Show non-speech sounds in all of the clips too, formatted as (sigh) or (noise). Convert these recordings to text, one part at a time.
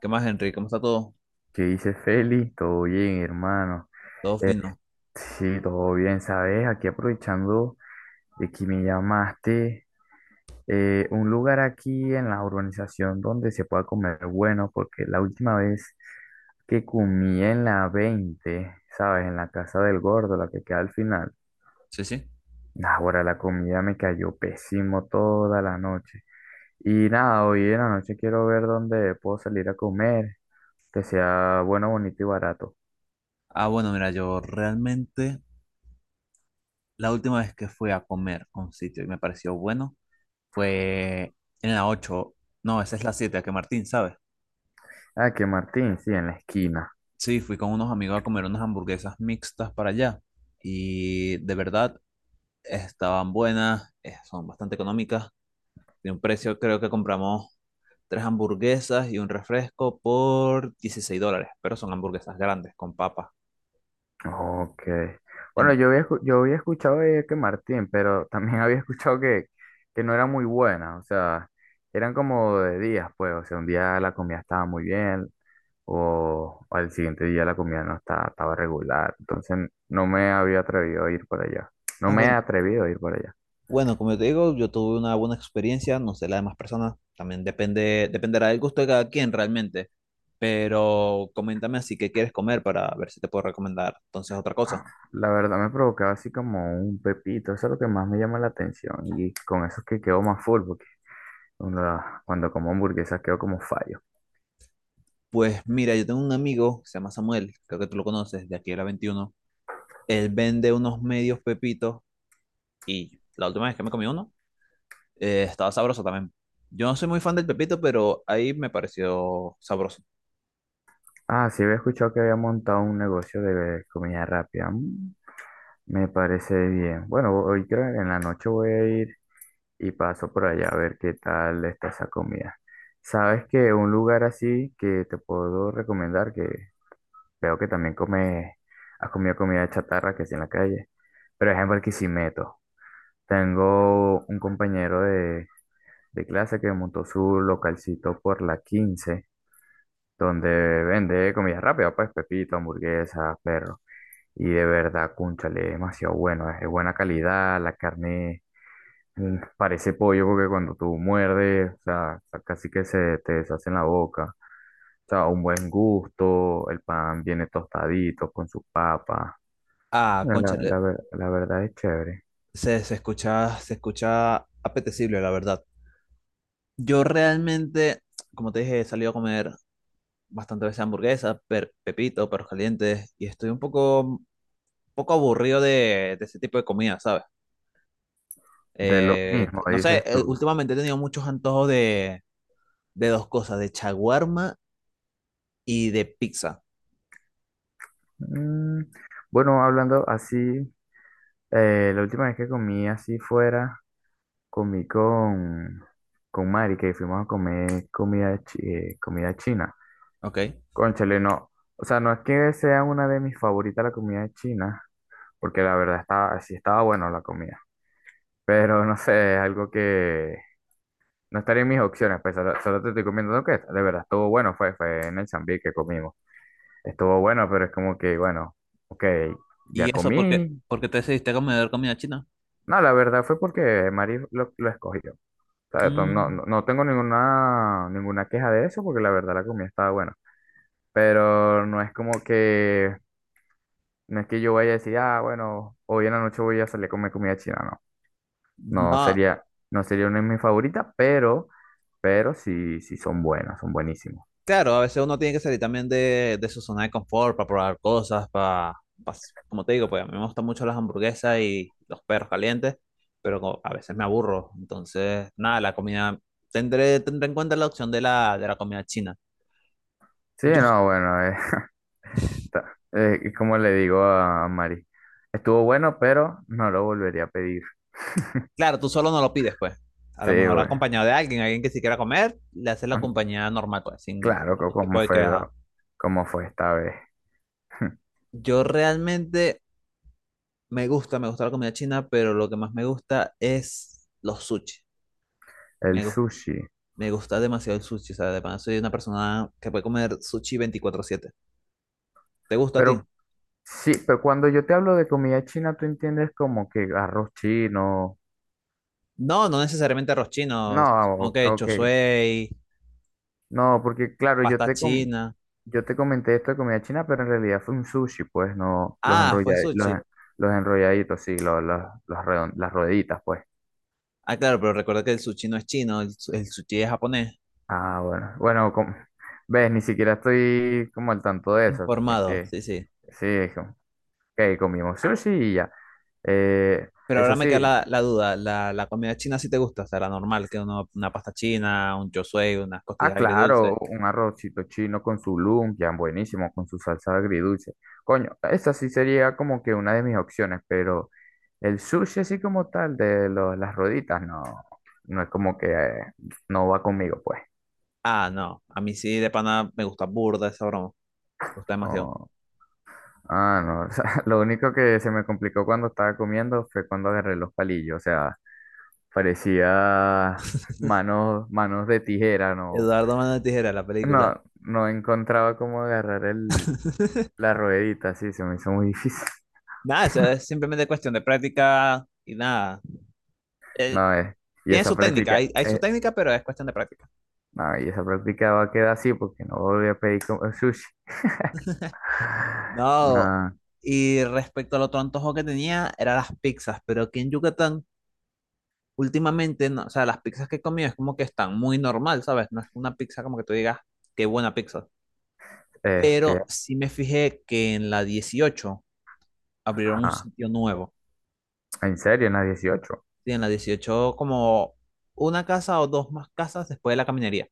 ¿Qué más, Henry? ¿Cómo está todo? ¿Qué dice Feli? Todo bien, hermano. ¿Todo fino? Sí, todo bien, ¿sabes? Aquí aprovechando de que me llamaste, un lugar aquí en la urbanización donde se pueda comer bueno, porque la última vez que comí en la 20, ¿sabes? En la casa del gordo, la que queda al final. Sí, sí. Ahora la comida me cayó pésimo toda la noche. Y nada, hoy en la noche quiero ver dónde puedo salir a comer, que sea bueno, bonito y barato. Bueno, mira, yo realmente la última vez que fui a comer a un sitio y me pareció bueno fue en la 8. No, esa es la 7, que Martín, ¿sabes? Ah, que Martín, sí, en la esquina. Sí, fui con unos amigos a comer unas hamburguesas mixtas para allá y de verdad estaban buenas, son bastante económicas. De un precio creo que compramos tres hamburguesas y un refresco por $16, pero son hamburguesas grandes con papas. Ok. Bueno, En- yo había escuchado de que Martín, pero también (laughs) había escuchado que no era muy buena, o sea, eran como de días, pues, o sea, un día la comida estaba muy bien o al siguiente día la comida no estaba regular, entonces no me había atrevido a ir por allá, no me he bueno. atrevido a ir por allá. Bueno, como yo te digo, yo tuve una buena experiencia, no sé, las demás personas, también depende, dependerá del gusto de cada quien realmente, pero coméntame así qué quieres comer para ver si te puedo recomendar entonces otra cosa. Ah, la verdad me provocaba así como un pepito, eso es lo que más me llama la atención y con eso es que quedo más full porque cuando, cuando como hamburguesas quedo como fallo. Pues mira, yo tengo un amigo, se llama Samuel, creo que tú lo conoces, de aquí era 21. Él vende unos medios pepitos y la última vez que me comí uno, estaba sabroso también. Yo no soy muy fan del pepito, pero ahí me pareció sabroso. Ah, sí había escuchado que había montado un negocio de comida rápida. Mm. Me parece bien. Bueno, hoy creo que en la noche voy a ir y paso por allá a ver qué tal está esa comida. ¿Sabes que un lugar así que te puedo recomendar que veo que también come, has comido comida chatarra que es en la calle, pero es en Barquisimeto? Tengo un compañero de clase que montó su localcito por la 15 donde vende comida rápida, pues pepito, hamburguesas, perro. Y de verdad, cúnchale, es demasiado bueno, es de buena calidad, la carne parece pollo porque cuando tú muerdes, o sea, casi que se te deshace en la boca. O sea, un buen gusto, el pan viene tostadito con su papa. Ah, La, cónchale, la, ver- la verdad es chévere. se escucha, se escucha apetecible, la verdad. Yo realmente, como te dije, he salido a comer bastante veces hamburguesas, pepito, perros calientes, y estoy un poco aburrido de ese tipo de comida, ¿sabes? De lo mismo, No sé, dices tú. últimamente he tenido muchos antojos de dos cosas, de chaguarma y de pizza, Mm, bueno, hablando así, la última vez que comí así fuera, comí con Mari, que fuimos a comer comida china. ¿ok? Cónchale, no. O sea, no es que sea una de mis favoritas la comida china, porque la verdad estaba, sí estaba bueno la comida. Pero no sé, es algo que no estaría en mis opciones, pues solo te estoy comiendo lo que es. De verdad, estuvo bueno, fue en el Zambi que comimos. Estuvo bueno, pero es como que, bueno, ok, ya ¿Y eso comí. por qué te decidiste a comer comida china? No, la verdad fue porque Mari lo escogió. O sea, no, Mm. no, no tengo ninguna, ninguna queja de eso porque la verdad la comida estaba buena. Pero no es como que, no es que yo vaya a decir, ah, bueno, hoy en la noche voy a salir a comer comida china. No, no No. sería, no sería una de mis favoritas, pero sí, sí son buenas, son buenísimas. Claro, a veces uno tiene que salir también de su zona de confort para probar cosas, para, como te digo, pues a mí me gustan mucho las hamburguesas y los perros calientes, pero a veces me aburro. Entonces, nada, la comida, tendré en cuenta la opción de de la comida china. Sí, Yo, no, bueno, (laughs) es como le digo a Mari, estuvo bueno, pero no lo volvería a pedir. (laughs) claro, tú solo no lo pides, pues. A Sí, lo mejor güey. acompañado de alguien, alguien que sí quiera comer, le haces la compañía normal, pues, sin Claro, co- ningún tipo como de fue, queja. la- como fue esta vez, (laughs) Yo realmente me gusta la comida china, pero lo que más me gusta es los sushi. el Me, gus- sushi. Me gusta demasiado el sushi, o sea, de pana soy una persona que puede comer sushi 24/7. ¿Te gusta a ti? Pero sí, pero cuando yo te hablo de comida china, tú entiendes como que arroz chino. No, no necesariamente arroz chino, No, como que ok. chosuey, No, porque claro, yo pasta te, com- china. yo te comenté esto de comida china, pero en realidad fue un sushi, pues, no, los Ah, fue enrolladitos, los, sushi. en- los enrolladitos, sí, las rueditas, pues. Ah, claro, pero recuerda que el sushi no es chino, el sushi es japonés. Ah, bueno, bueno, ves, ni siquiera estoy como al tanto de eso. Es Informado, que sí, sí. sí, que comimos sushi y ya. Eh, Pero Eso ahora me queda sí, la duda, la comida china sí te gusta, o sea, la normal, que uno, una pasta china, un chosuey, unas ah, costillas agridulces. claro, un arrocito chino con su lumpia, buenísimo, con su salsa agridulce. Coño, esa sí sería como que una de mis opciones, pero el sushi así como tal de las roditas, no, no es como que no va conmigo, pues. Ah, no, a mí sí de pana me gusta burda esa broma, me gusta demasiado. Oh, ah, no, (laughs) o sea, lo único que se me complicó cuando estaba comiendo fue cuando agarré los palillos, o sea, parecía manos, manos de tijera, no. Eduardo Mano de Tijera, la película. No, no encontraba cómo agarrar el, (laughs) la ruedita, sí, se me hizo muy difícil. (laughs) Nada, eso es simplemente cuestión de práctica y nada. Él No, y tiene esa su técnica, práctica, hay su técnica, pero es cuestión de práctica. no, y esa práctica va a quedar así porque no volví a pedir como sushi. (laughs) (sighs) No, No, y respecto al otro antojo que tenía, eran las pizzas, pero aquí en Yucatán, últimamente, no, o sea, las pizzas que he comido es como que están muy normal, ¿sabes? No es una pizza como que tú digas, qué buena pizza. este, Pero sí me fijé que en la 18 abrieron un ajá. sitio nuevo. ¿En serio? ¿En la 18? Sí, en la 18 como una casa o dos más casas después de la caminería,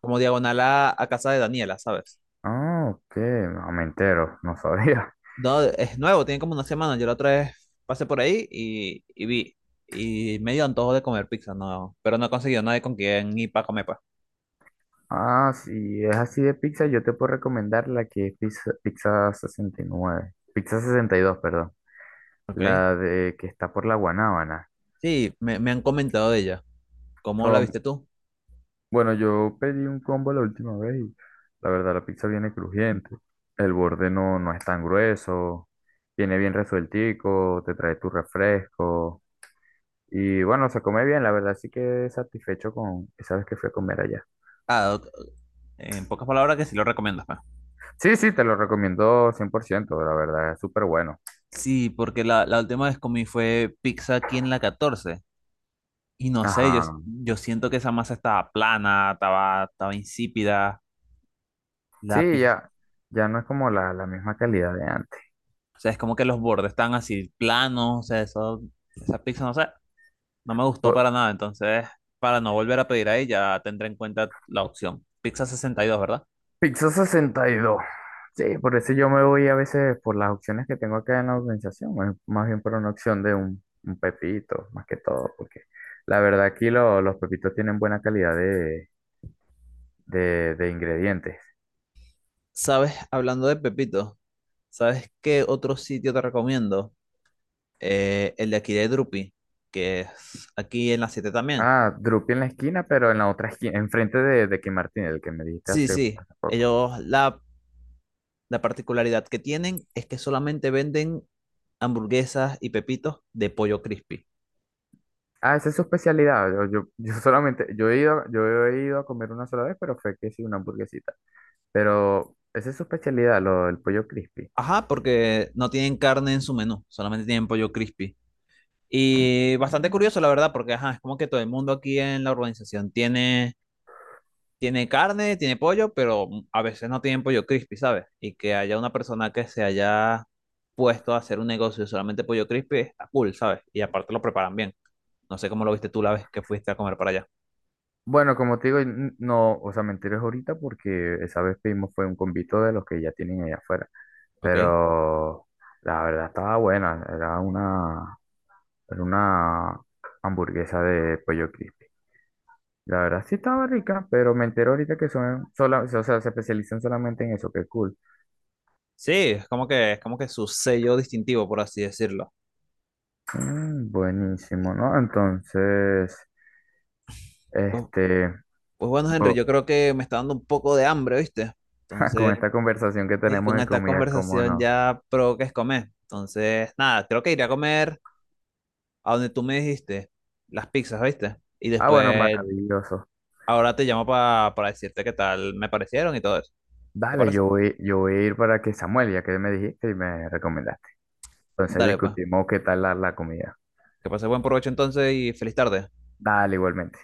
como diagonal a casa de Daniela, ¿sabes? Ah, ok, no me entero, no sabía. (laughs) No, es nuevo, tiene como una semana. Yo la otra vez pasé por ahí y vi. Y me dio antojo de comer pizza, no. Pero no he conseguido nadie con quien ir para comer, pa. Ah, si es así de pizza, yo te puedo recomendar la que es pizza, pizza 69, pizza 62 perdón, Ok. la de que está por la Guanábana. Sí, me han comentado de ella. ¿Cómo la Son viste tú? Bueno, yo pedí un combo la última vez y la verdad la pizza viene crujiente. El borde no, no es tan grueso, viene bien resueltico, te trae tu refresco y bueno, se come bien, la verdad sí que satisfecho con esa vez que fui a comer allá. Ah, ok, en pocas palabras que sí lo recomiendas, pa. Sí, sí, te lo recomiendo 100%, la verdad es súper bueno. Sí, porque la última vez comí fue pizza aquí en la 14. Y no sé, Ajá, yo siento que esa masa estaba plana, estaba insípida. La sí, pizza, ya no es como la misma calidad de antes. o sea, es como que los bordes están así planos. O sea, eso, esa pizza, no sé. No me gustó O- para nada, entonces para no volver a pedir ahí ya tendré en cuenta la opción. Pizza 62, ¿verdad? Pixel 62. Sí, por eso yo me voy a veces por las opciones que tengo acá en la organización, más bien por una opción de un pepito, más que todo, porque la verdad aquí los pepitos tienen buena calidad de ingredientes. ¿Sabes? Hablando de Pepito, ¿sabes qué otro sitio te recomiendo? El de aquí de Drupi, que es aquí en la 7 también. Ah, Drupi en la esquina, pero en la otra esquina, enfrente de Kim Martín, el que me dijiste Sí, hace, sí, hace poco. ellos la particularidad que tienen es que solamente venden hamburguesas y pepitos de pollo crispy. Ah, esa es su especialidad. Yo solamente, yo he ido a comer una sola vez, pero fue que sí, una hamburguesita. Pero esa es su especialidad, lo, el pollo crispy. Ajá, porque no tienen carne en su menú, solamente tienen pollo crispy. Y bastante curioso, la verdad, porque ajá, es como que todo el mundo aquí en la urbanización tiene, tiene carne, tiene pollo, pero a veces no tienen pollo crispy, ¿sabes? Y que haya una persona que se haya puesto a hacer un negocio de solamente pollo crispy, está cool, ¿sabes? Y aparte lo preparan bien. No sé cómo lo viste tú la vez que fuiste a comer para allá, Bueno, como te digo, no, o sea, me enteré ahorita porque esa vez pedimos fue un convito de los que ya tienen allá afuera. ¿ok? Pero la verdad estaba buena, era una hamburguesa de pollo crispy. La verdad sí estaba rica, pero me enteré ahorita que o sea, se especializan solamente en eso, qué cool. Sí, es como que su sello distintivo, por así decirlo. Mm, buenísimo, ¿no? Entonces, Pues, este, pues bueno, Henry, oh, yo creo que me está dando un poco de hambre, ¿viste? (laughs) con Entonces, esta conversación que y tenemos con de esta comida, cómo conversación no. ya provoques comer. Entonces, nada, creo que iré a comer a donde tú me dijiste, las pizzas, ¿viste? Y Ah, bueno, después, maravilloso. ahora te llamo para decirte qué tal me parecieron y todo eso. ¿Te Dale, parece? yo voy a ir para que Samuel, ya que me dijiste y me recomendaste. Entonces Dale, pues. discutimos qué tal la comida. Que pases buen provecho entonces y feliz tarde. Dale, igualmente.